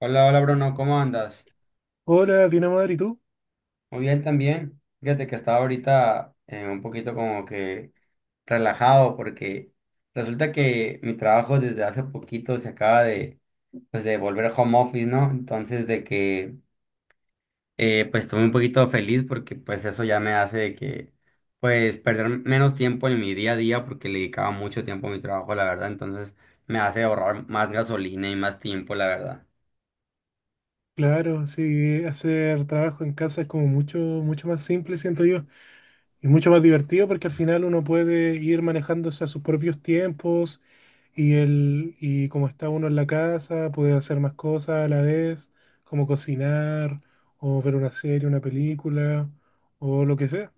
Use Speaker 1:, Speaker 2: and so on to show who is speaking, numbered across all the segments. Speaker 1: Hola, hola Bruno, ¿cómo andas?
Speaker 2: Hola, bien madre, ¿y tú?
Speaker 1: Muy bien también. Fíjate que estaba ahorita un poquito como que relajado porque resulta que mi trabajo desde hace poquito se acaba de, pues, de volver a home office, ¿no? Entonces de que pues estoy un poquito feliz porque pues eso ya me hace de que pues perder menos tiempo en mi día a día porque le dedicaba mucho tiempo a mi trabajo, la verdad. Entonces me hace ahorrar más gasolina y más tiempo, la verdad.
Speaker 2: Claro, sí, hacer trabajo en casa es como mucho, mucho más simple, siento yo, y mucho más divertido porque al final uno puede ir manejándose a sus propios tiempos y como está uno en la casa, puede hacer más cosas a la vez, como cocinar o ver una serie, una película o lo que sea.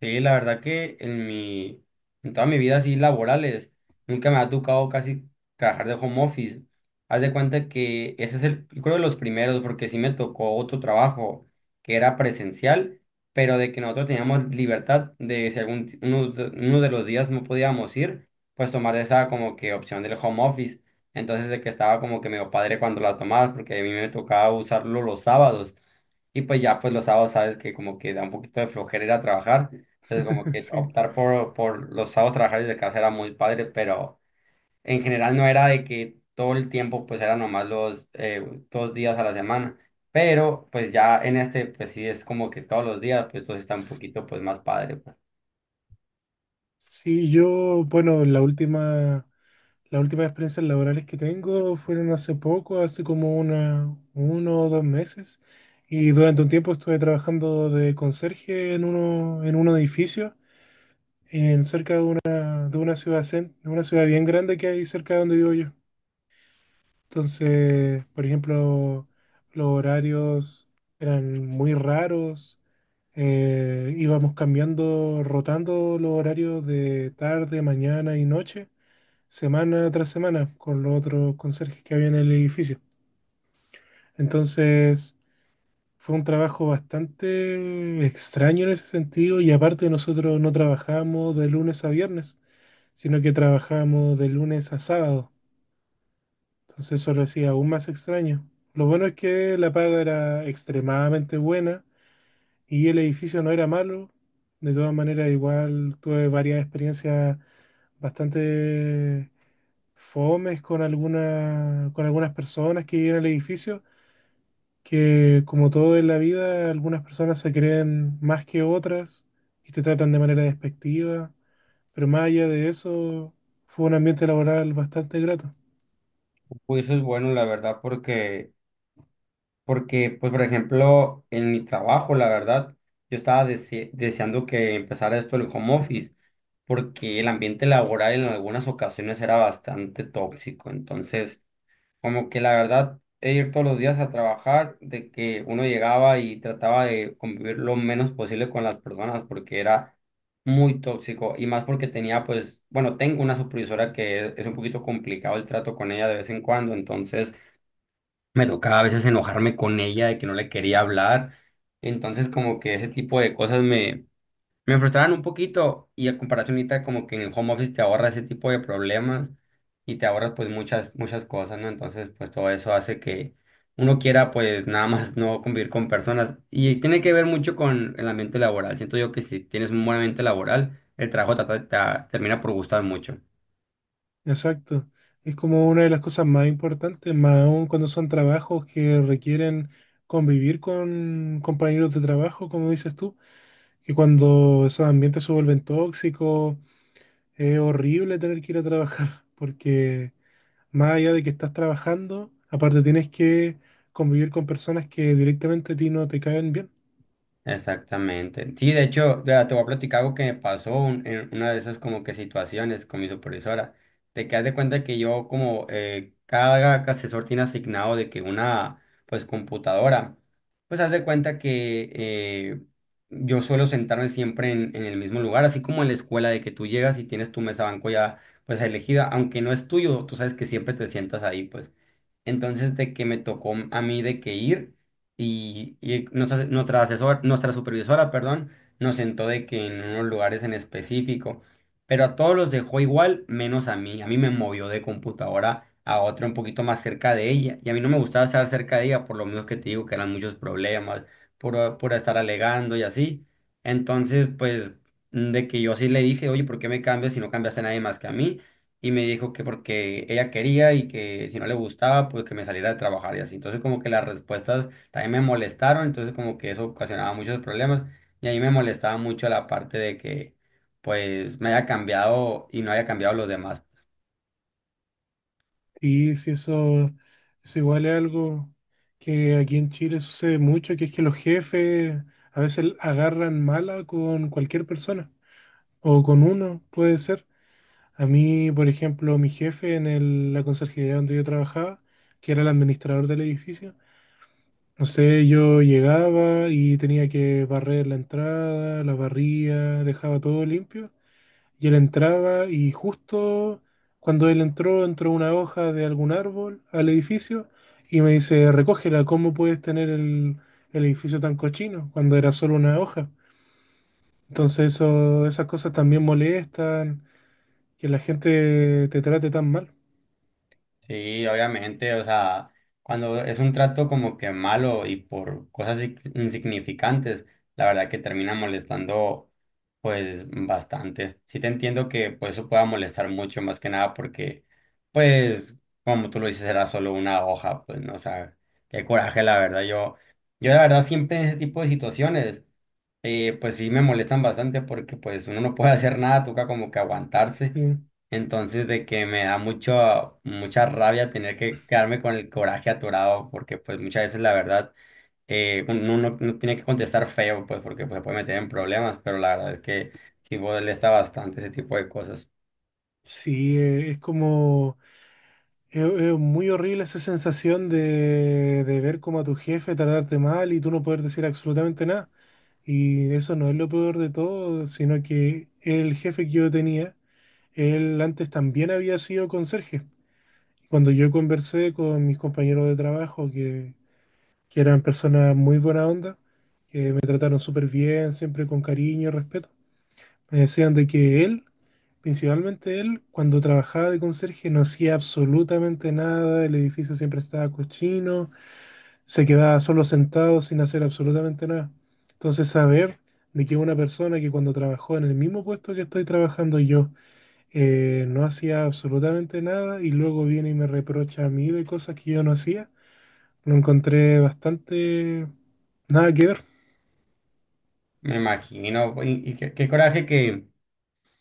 Speaker 1: Sí, la verdad que en mi, en toda mi vida así laborales, nunca me ha tocado casi trabajar de home office. Haz de cuenta que ese es el, yo creo de los primeros, porque sí me tocó otro trabajo que era presencial, pero de que nosotros teníamos libertad de si algún, uno de los días no podíamos ir, pues tomar esa como que opción del home office. Entonces de que estaba como que medio padre cuando la tomabas, porque a mí me tocaba usarlo los sábados. Y pues ya, pues los sábados sabes que como que da un poquito de flojera ir a trabajar. Entonces, como que
Speaker 2: Sí,
Speaker 1: optar por los sábados trabajar desde casa era muy padre, pero en general no era de que todo el tiempo, pues era nomás los dos días a la semana. Pero pues ya en este, pues sí es como que todos los días, pues todo está un poquito pues más padre. Pues,
Speaker 2: sí, yo, bueno, Las últimas experiencias laborales que tengo fueron hace poco, hace como uno o dos meses, y durante un tiempo estuve trabajando de conserje en un edificio, en cerca de una ciudad, de una ciudad bien grande que hay cerca de donde vivo yo. Entonces, por ejemplo, los horarios eran muy raros. Íbamos cambiando, rotando los horarios de tarde, mañana y noche semana tras semana con los otros conserjes que había en el edificio. Entonces fue un trabajo bastante extraño en ese sentido y, aparte, nosotros no trabajábamos de lunes a viernes, sino que trabajábamos de lunes a sábado. Entonces eso lo hacía aún más extraño. Lo bueno es que la paga era extremadamente buena y el edificio no era malo. De todas maneras, igual tuve varias experiencias bastante fomes con con algunas personas que viven al edificio, que, como todo en la vida, algunas personas se creen más que otras y te tratan de manera despectiva, pero más allá de eso, fue un ambiente laboral bastante grato.
Speaker 1: pues, eso es bueno, la verdad, porque, porque pues por ejemplo, en mi trabajo, la verdad, yo estaba deseando que empezara esto el home office, porque el ambiente laboral en algunas ocasiones era bastante tóxico. Entonces como que la verdad, e ir todos los días a trabajar, de que uno llegaba y trataba de convivir lo menos posible con las personas porque era muy tóxico y más porque tenía pues, bueno, tengo una supervisora que es un poquito complicado el trato con ella de vez en cuando, entonces me tocaba a veces enojarme con ella de que no le quería hablar, entonces como que ese tipo de cosas me frustraban un poquito y a comparación ahorita como que en el home office te ahorra ese tipo de problemas y te ahorras pues muchas, muchas cosas, ¿no? Entonces pues todo eso hace que uno quiera pues nada más no convivir con personas y tiene que ver mucho con el ambiente laboral. Siento yo que si tienes un buen ambiente laboral, el trabajo te termina por gustar mucho.
Speaker 2: Exacto. Es como una de las cosas más importantes, más aún cuando son trabajos que requieren convivir con compañeros de trabajo, como dices tú, que cuando esos ambientes se vuelven tóxicos, es horrible tener que ir a trabajar, porque más allá de que estás trabajando, aparte tienes que convivir con personas que directamente a ti no te caen bien.
Speaker 1: Exactamente. Sí, de hecho, vea, te voy a platicar algo que me pasó en una de esas como que situaciones con mi supervisora, de que haz de cuenta que yo como cada asesor tiene asignado de que una pues computadora, pues haz de cuenta que yo suelo sentarme siempre en el mismo lugar, así como en la escuela de que tú llegas y tienes tu mesa banco ya pues elegida, aunque no es tuyo, tú sabes que siempre te sientas ahí pues. Entonces, de que me tocó a mí de que ir y nuestra, nuestra asesor, nuestra supervisora, perdón, nos sentó de que en unos lugares en específico, pero a todos los dejó igual, menos a mí. A mí me movió de computadora a otra un poquito más cerca de ella. Y a mí no me gustaba estar cerca de ella, por lo mismo que te digo que eran muchos problemas, por estar alegando y así. Entonces, pues, de que yo sí le dije, oye, ¿por qué me cambias si no cambiaste a nadie más que a mí? Y me dijo que porque ella quería y que si no le gustaba, pues que me saliera de trabajar y así. Entonces como que las respuestas también me molestaron, entonces como que eso ocasionaba muchos problemas y a mí me molestaba mucho la parte de que pues me haya cambiado y no haya cambiado los demás.
Speaker 2: Y si eso, eso igual es algo que aquí en Chile sucede mucho, que es que los jefes a veces agarran mala con cualquier persona, o con uno, puede ser. A mí, por ejemplo, mi jefe en la conserjería donde yo trabajaba, que era el administrador del edificio, no sé, yo llegaba y tenía que barrer la entrada, la barría, dejaba todo limpio. Y él entraba y justo cuando él entró, entró una hoja de algún árbol al edificio y me dice, recógela, ¿cómo puedes tener el edificio tan cochino cuando era solo una hoja? Entonces esas cosas también molestan, que la gente te trate tan mal.
Speaker 1: Sí, obviamente, o sea, cuando es un trato como que malo y por cosas insignificantes, la verdad que termina molestando pues bastante. Sí te entiendo que pues eso pueda molestar mucho más que nada porque pues como tú lo dices era solo una hoja, pues no, o sea, qué coraje la verdad. Yo la verdad siempre en ese tipo de situaciones pues sí me molestan bastante porque pues uno no puede hacer nada, toca como que
Speaker 2: Sí,
Speaker 1: aguantarse. Entonces de que me da mucho, mucha rabia tener que quedarme con el coraje atorado porque pues muchas veces la verdad uno no, no tiene que contestar feo pues porque pues, se puede meter en problemas, pero la verdad es que sí molesta bastante ese tipo de cosas.
Speaker 2: sí, Es muy horrible esa sensación de ver como a tu jefe tratarte mal y tú no poder decir absolutamente nada. Y eso no es lo peor de todo, sino que el jefe que yo tenía, él antes también había sido conserje. Cuando yo conversé con mis compañeros de trabajo, que eran personas muy buena onda, que me trataron súper bien, siempre con cariño y respeto, me decían de que él principalmente él, cuando trabajaba de conserje, no hacía absolutamente nada, el edificio siempre estaba cochino, se quedaba solo sentado sin hacer absolutamente nada. Entonces, saber de que una persona que, cuando trabajó en el mismo puesto que estoy trabajando yo, no hacía absolutamente nada y luego viene y me reprocha a mí de cosas que yo no hacía, lo encontré bastante nada que ver.
Speaker 1: Me imagino, y qué, qué coraje que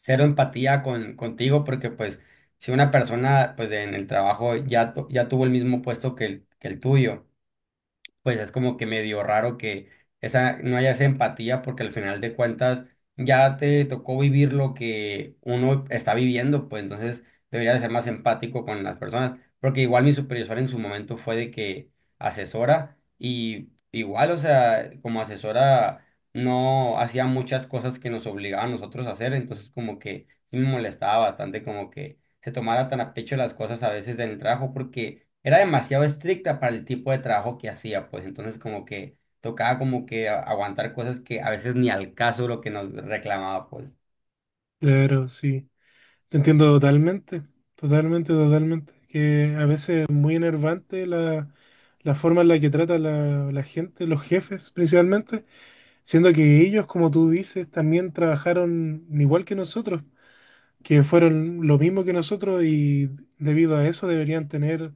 Speaker 1: cero empatía con, contigo porque pues si una persona pues en el trabajo ya, ya tuvo el mismo puesto que el tuyo pues es como que medio raro que esa, no haya esa empatía porque al final de cuentas ya te tocó vivir lo que uno está viviendo, pues entonces debería de ser más empático con las personas, porque igual mi supervisor en su momento fue de que asesora y igual, o sea, como asesora no hacía muchas cosas que nos obligaban a nosotros a hacer, entonces como que sí me molestaba bastante como que se tomara tan a pecho las cosas a veces del trabajo porque era demasiado estricta para el tipo de trabajo que hacía, pues entonces como que tocaba como que aguantar cosas que a veces ni al caso lo que nos reclamaba, pues.
Speaker 2: Claro, sí. Te entiendo totalmente, totalmente, totalmente. Que a veces es muy enervante la forma en la que trata la gente, los jefes principalmente, siendo que ellos, como tú dices, también trabajaron igual que nosotros, que fueron lo mismo que nosotros, y debido a eso deberían tener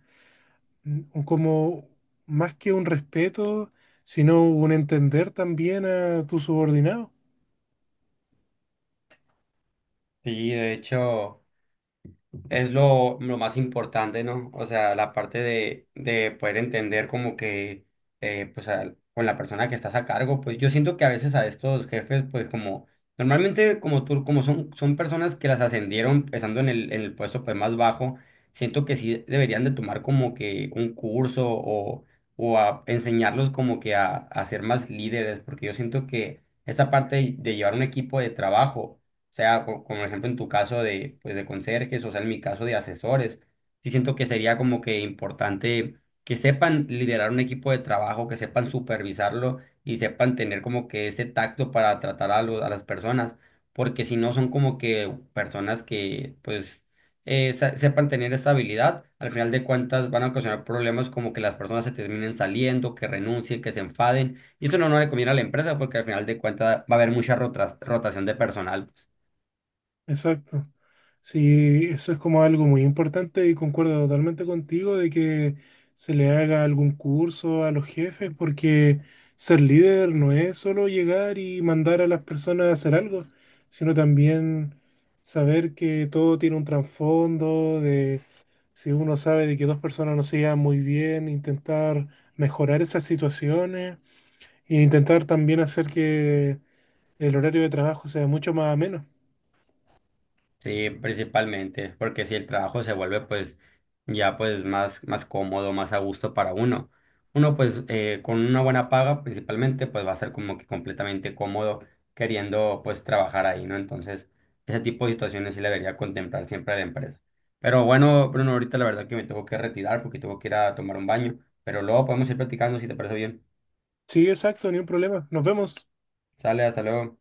Speaker 2: como más que un respeto, sino un entender también a tu subordinado.
Speaker 1: Sí, de hecho. Es lo más importante, ¿no? O sea, la parte de poder entender como que, pues, con la persona que estás a cargo, pues yo siento que a veces a estos jefes, pues como, normalmente como tú, como son, son personas que las ascendieron estando en el puesto pues más bajo, siento que sí deberían de tomar como que un curso o a enseñarlos como que a ser más líderes, porque yo siento que esta parte de llevar un equipo de trabajo sea, como ejemplo en tu caso de, pues, de conserjes, o sea, en mi caso de asesores, sí siento que sería como que importante que sepan liderar un equipo de trabajo, que sepan supervisarlo y sepan tener como que ese tacto para tratar a, a las personas, porque si no son como que personas que, pues, sepan tener esta habilidad, al final de cuentas van a ocasionar problemas como que las personas se terminen saliendo, que renuncien, que se enfaden, y eso no, no le conviene a la empresa porque al final de cuentas va a haber mucha rotación de personal. Pues.
Speaker 2: Exacto. Sí, eso es como algo muy importante y concuerdo totalmente contigo de que se le haga algún curso a los jefes, porque ser líder no es solo llegar y mandar a las personas a hacer algo, sino también saber que todo tiene un trasfondo de si uno sabe de que dos personas no se llevan muy bien, intentar mejorar esas situaciones e intentar también hacer que el horario de trabajo sea mucho más ameno.
Speaker 1: Sí, principalmente, porque si el trabajo se vuelve pues ya pues más, más cómodo, más a gusto para uno. Uno pues con una buena paga principalmente pues va a ser como que completamente cómodo queriendo pues trabajar ahí, ¿no? Entonces ese tipo de situaciones sí la debería contemplar siempre la empresa. Pero bueno, Bruno, ahorita la verdad que me tengo que retirar porque tengo que ir a tomar un baño, pero luego podemos ir platicando si te parece bien.
Speaker 2: Sí, exacto, ni un problema. Nos vemos.
Speaker 1: Sale, hasta luego.